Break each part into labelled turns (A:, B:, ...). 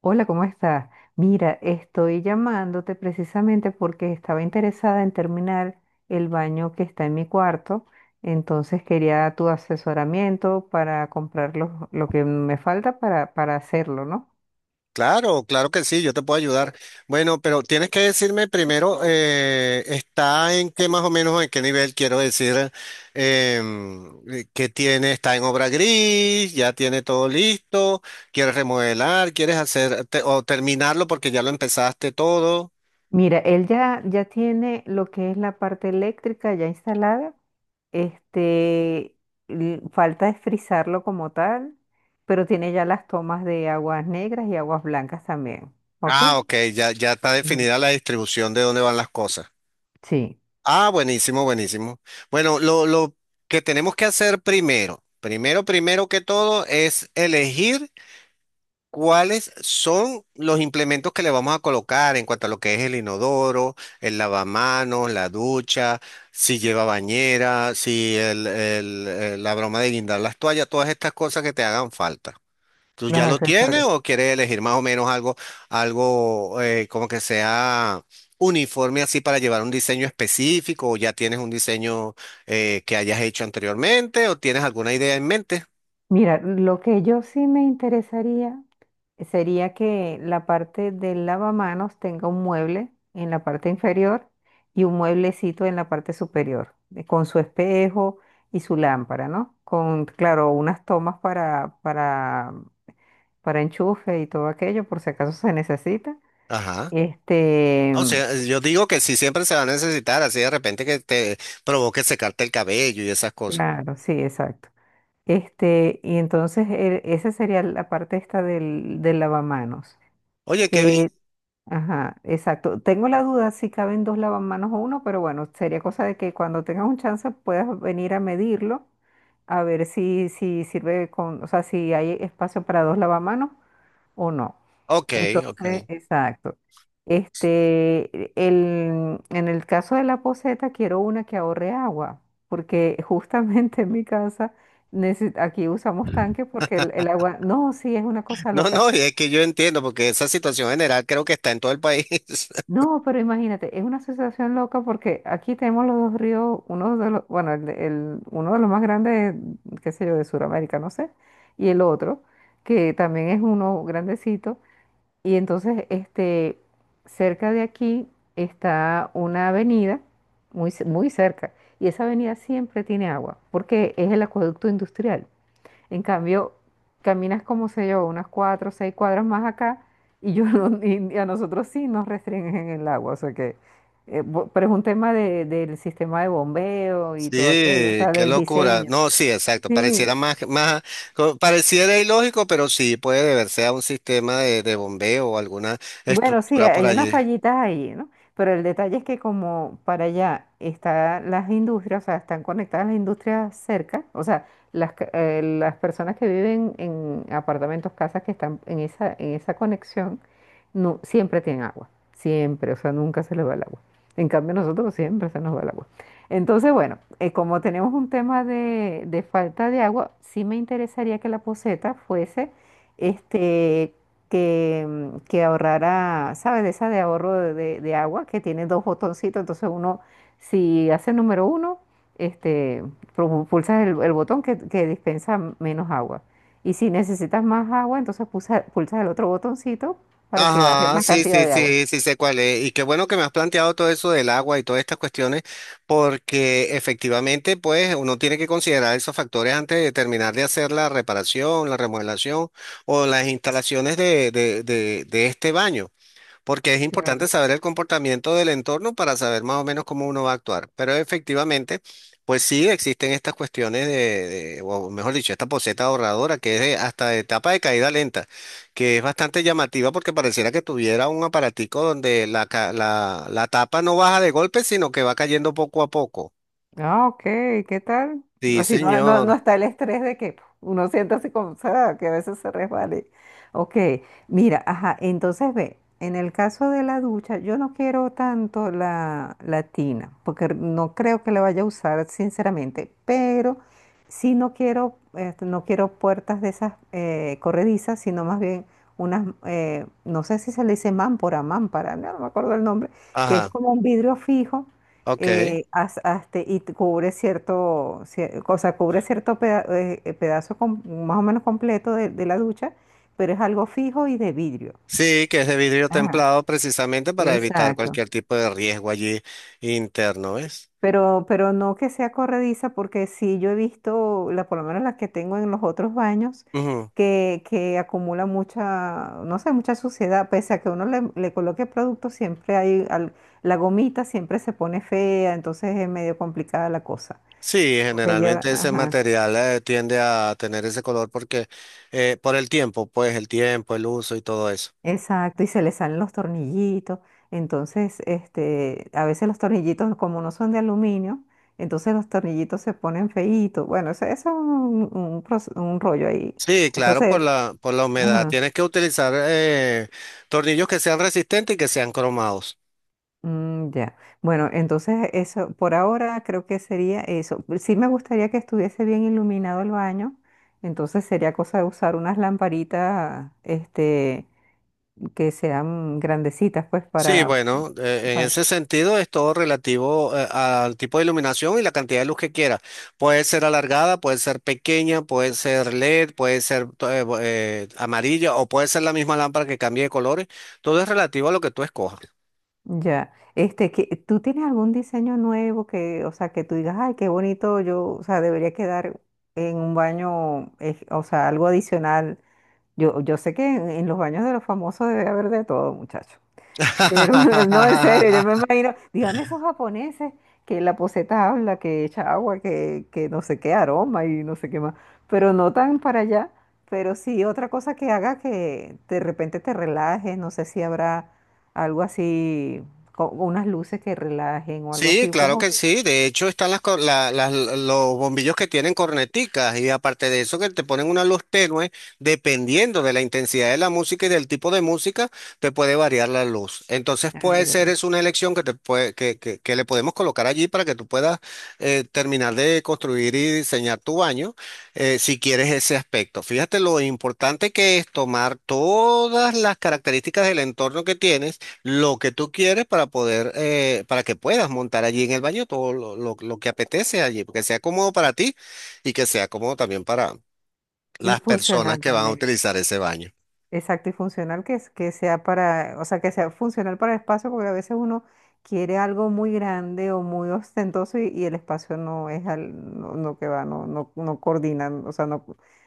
A: Hola, ¿cómo estás? Mira, estoy llamándote precisamente porque estaba interesada en terminar el baño que está en mi cuarto, entonces quería tu asesoramiento para comprar lo que me falta para hacerlo, ¿no?
B: Claro, claro que sí, yo te puedo ayudar. Bueno, pero tienes que decirme primero, está en qué más o menos, en qué nivel quiero decir, que tiene, está en obra gris, ya tiene todo listo, quieres remodelar, quieres hacer o terminarlo porque ya lo empezaste todo.
A: Mira, él ya tiene lo que es la parte eléctrica ya instalada, este, falta es frizarlo como tal, pero tiene ya las tomas de aguas negras y aguas blancas también, ¿ok?
B: Ah, ok, ya, ya está
A: Ujú.
B: definida la distribución de dónde van las cosas.
A: Sí.
B: Ah, buenísimo, buenísimo. Bueno, lo que tenemos que hacer primero, primero que todo es elegir. ¿Cuáles son los implementos que le vamos a colocar en cuanto a lo que es el inodoro, el lavamanos, la ducha, si lleva bañera, si la broma de guindar las toallas, todas estas cosas que te hagan falta? ¿Tú
A: Los
B: ya lo tienes
A: accesorios.
B: o quieres elegir más o menos algo, algo como que sea uniforme así para llevar un diseño específico o ya tienes un diseño que hayas hecho anteriormente o tienes alguna idea en mente?
A: Mira, lo que yo sí me interesaría sería que la parte del lavamanos tenga un mueble en la parte inferior y un mueblecito en la parte superior, con su espejo y su lámpara, ¿no? Con, claro, unas tomas para enchufe y todo aquello, por si acaso se necesita.
B: Ajá.
A: Este,
B: O sea, yo digo que sí siempre se va a necesitar, así de repente que te provoque secarte el cabello y esas cosas.
A: claro, sí, exacto. Y entonces esa sería la parte esta del lavamanos.
B: Oye, qué bien.
A: Eh, Ajá, exacto. Tengo la duda si caben dos lavamanos o uno, pero bueno, sería cosa de que cuando tengas un chance puedas venir a medirlo, a ver si, si sirve con, o sea, si hay espacio para dos lavamanos o no.
B: Ok, ok.
A: Entonces, exacto. En el caso de la poceta, quiero una que ahorre agua, porque justamente en mi casa, aquí usamos tanque porque el agua, no, sí, es una cosa
B: No,
A: loca.
B: no, y es que yo entiendo, porque esa situación general creo que está en todo el país.
A: No, pero imagínate, es una sensación loca porque aquí tenemos los dos ríos, uno de los, bueno, uno de los más grandes, qué sé yo, de Sudamérica, no sé, y el otro, que también es uno grandecito. Y entonces, cerca de aquí está una avenida, muy cerca, y esa avenida siempre tiene agua, porque es el acueducto industrial. En cambio, caminas como sé yo, unas cuatro o seis cuadras más acá y yo no- y a nosotros sí nos restringen el agua. O sea que, pero es un tema del sistema de bombeo y todo aquello, o
B: Sí,
A: sea,
B: qué
A: del
B: locura.
A: diseño.
B: No, sí, exacto.
A: Sí.
B: Pareciera más, más, pareciera ilógico, pero sí puede deberse a un sistema de bombeo o alguna
A: Bueno, sí,
B: estructura por
A: hay unas
B: allí.
A: fallitas ahí, ¿no? Pero el detalle es que como para allá están las industrias, o sea, están conectadas las industrias cerca, o sea, las personas que viven en apartamentos, casas que están en esa conexión, no, siempre tienen agua, siempre, o sea, nunca se les va el agua. En cambio, nosotros siempre se nos va el agua. Entonces, bueno, como tenemos un tema de falta de agua, sí me interesaría que la poseta fuese este, que, que ahorrara, ¿sabes? De esa de ahorro de agua que tiene dos botoncitos. Entonces uno, si hace el número uno, este, pulsas el botón que dispensa menos agua. Y si necesitas más agua, entonces pulsas el otro botoncito para que baje
B: Ajá,
A: más
B: sí,
A: cantidad
B: sí,
A: de agua.
B: sí, sí sé cuál es. Y qué bueno que me has planteado todo eso del agua y todas estas cuestiones, porque efectivamente, pues, uno tiene que considerar esos factores antes de terminar de hacer la reparación, la remodelación o las instalaciones de este baño. Porque es importante
A: Claro.
B: saber el comportamiento del entorno para saber más o menos cómo uno va a actuar. Pero efectivamente, pues sí existen estas cuestiones de, o mejor dicho, esta poseta ahorradora que es hasta de etapa de caída lenta, que es bastante llamativa porque pareciera que tuviera un aparatico donde la, la, la tapa no baja de golpe, sino que va cayendo poco a poco.
A: Ah, ok, ¿qué tal?
B: Sí,
A: Así no, no, no
B: señor.
A: está el estrés de que puf, uno siente así como, o que a veces se resbale. Ok, mira, ajá, entonces ve, en el caso de la ducha, yo no quiero tanto la, la tina, porque no creo que la vaya a usar, sinceramente, pero sí no quiero, no quiero puertas de esas corredizas, sino más bien unas, no sé si se le dice mámpora, mámpara, no, no me acuerdo el nombre, que es
B: Ajá,
A: como un vidrio fijo
B: ok.
A: y te cubre o sea, cubre cierto pedazo más o menos completo de la ducha, pero es algo fijo y de vidrio.
B: Sí, que es de vidrio
A: Ajá,
B: templado precisamente para evitar
A: exacto.
B: cualquier tipo de riesgo allí interno, ¿ves?
A: Pero no que sea corrediza, porque sí yo he visto, la, por lo menos las que tengo en los otros baños, que acumula mucha, no sé, mucha suciedad, pese a que uno le, le coloque producto, siempre hay, la gomita siempre se pone fea, entonces es medio complicada la cosa.
B: Sí,
A: Porque yo,
B: generalmente ese
A: ajá.
B: material tiende a tener ese color porque por el tiempo, pues el tiempo, el uso y todo eso.
A: Exacto, y se le salen los tornillitos. Entonces, a veces los tornillitos, como no son de aluminio, entonces los tornillitos se ponen feitos. Bueno, eso es un un rollo ahí.
B: Sí, claro,
A: Entonces,
B: por la humedad.
A: ajá,
B: Tienes que utilizar tornillos que sean resistentes y que sean cromados.
A: ya. Bueno, entonces eso, por ahora creo que sería eso. Sí me gustaría que estuviese bien iluminado el baño. Entonces sería cosa de usar unas lamparitas, que sean grandecitas, pues,
B: Sí,
A: para,
B: bueno, en
A: para.
B: ese sentido es todo relativo al tipo de iluminación y la cantidad de luz que quieras. Puede ser alargada, puede ser pequeña, puede ser LED, puede ser amarilla o puede ser la misma lámpara que cambie de colores. Todo es relativo a lo que tú escojas.
A: Ya, que, ¿tú tienes algún diseño nuevo que, o sea, que tú digas, ay, qué bonito, yo, o sea, debería quedar en un baño, o sea, algo adicional? Yo sé que en los baños de los famosos debe haber de todo, muchacho. Pero no, en serio, yo me imagino, dígame esos japoneses que la poseta habla, que echa agua, que no sé qué aroma y no sé qué más, pero no tan para allá, pero sí otra cosa que haga que de repente te relajes, no sé si habrá algo así, unas luces que relajen o algo
B: Sí,
A: así,
B: claro
A: como,
B: que sí. De hecho, están las, los bombillos que tienen corneticas y aparte de eso que te ponen una luz tenue, dependiendo de la intensidad de la música y del tipo de música, te puede variar la luz. Entonces
A: ah,
B: puede
A: ya,
B: ser es una elección que, te puede, que le podemos colocar allí para que tú puedas terminar de construir y diseñar tu baño si quieres ese aspecto. Fíjate lo importante que es tomar todas las características del entorno que tienes lo que tú quieres para poder, para que puedas montar allí en el baño todo lo, lo que apetece allí, porque sea cómodo para ti y que sea cómodo también para
A: y
B: las personas
A: funcional
B: que van a
A: también.
B: utilizar ese baño.
A: Exacto, y funcional que, que sea para, o sea, que sea funcional para el espacio, porque a veces uno quiere algo muy grande o muy ostentoso y el espacio no es al, no, no que va, no, no, no coordina, o sea, no,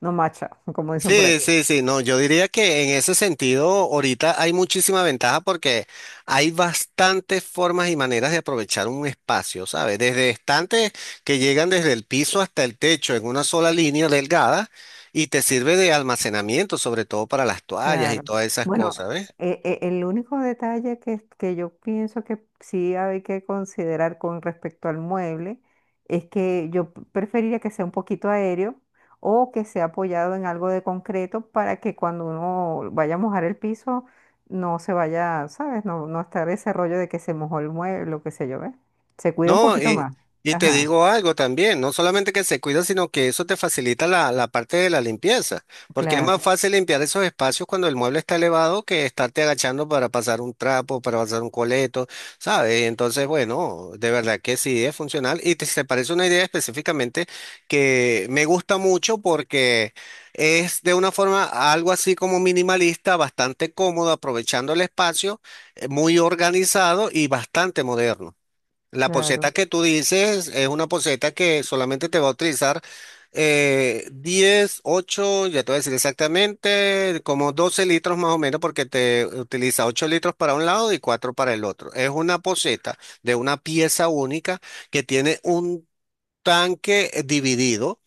A: no macha, como dicen por ahí.
B: Sí, sí, sí, no, yo diría que en ese sentido ahorita hay muchísima ventaja porque hay bastantes formas y maneras de aprovechar un espacio, ¿sabes? Desde estantes que llegan desde el piso hasta el techo en una sola línea delgada y te sirve de almacenamiento, sobre todo para las toallas y
A: Claro.
B: todas esas
A: Bueno,
B: cosas, ¿ves?
A: el único detalle que yo pienso que sí hay que considerar con respecto al mueble es que yo preferiría que sea un poquito aéreo o que sea apoyado en algo de concreto para que cuando uno vaya a mojar el piso no se vaya, ¿sabes? No, no estar ese rollo de que se mojó el mueble o qué sé yo, ¿ves? Se cuida un
B: No,
A: poquito más.
B: y te
A: Ajá,
B: digo algo también, no solamente que se cuida, sino que eso te facilita la, la parte de la limpieza, porque es más
A: claro,
B: fácil limpiar esos espacios cuando el mueble está elevado que estarte agachando para pasar un trapo, para pasar un coleto, ¿sabes? Entonces, bueno, de verdad que sí es funcional y te, se parece una idea específicamente que me gusta mucho porque es de una forma algo así como minimalista, bastante cómodo, aprovechando el espacio, muy organizado y bastante moderno. La poceta
A: claro,
B: que tú dices es una poceta que solamente te va a utilizar 10, 8, ya te voy a decir exactamente, como 12 litros más o menos, porque te utiliza 8 litros para un lado y 4 para el otro. Es una poceta de una pieza única que tiene un tanque dividido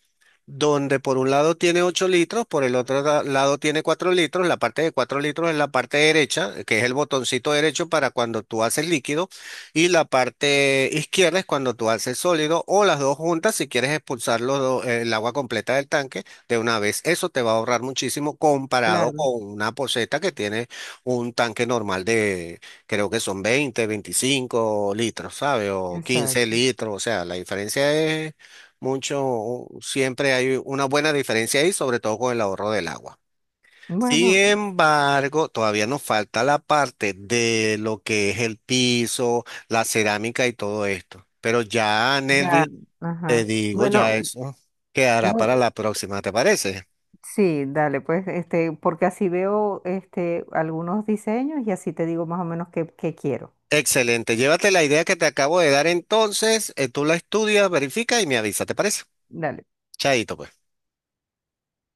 B: donde por un lado tiene 8 litros, por el otro lado tiene 4 litros. La parte de 4 litros es la parte derecha, que es el botoncito derecho para cuando tú haces líquido, y la parte izquierda es cuando tú haces sólido, o las dos juntas si quieres expulsar el agua completa del tanque de una vez. Eso te va a ahorrar muchísimo comparado
A: claro,
B: con una poceta que tiene un tanque normal de, creo que son 20 25 litros, ¿sabes? O 15
A: exacto.
B: litros, o sea, la diferencia es mucho, siempre hay una buena diferencia ahí, sobre todo con el ahorro del agua. Sin
A: Bueno,
B: embargo, todavía nos falta la parte de lo que es el piso, la cerámica y todo esto. Pero ya,
A: ya,
B: Nelvi, te
A: ajá.
B: digo, ya
A: Bueno,
B: eso quedará para
A: no,
B: la próxima, ¿te parece?
A: sí, dale, pues, porque así veo este, algunos diseños y así te digo más o menos qué, qué quiero.
B: Excelente. Llévate la idea que te acabo de dar entonces, tú la estudias, verifica y me avisa, ¿te parece?
A: Dale.
B: Chaito, pues.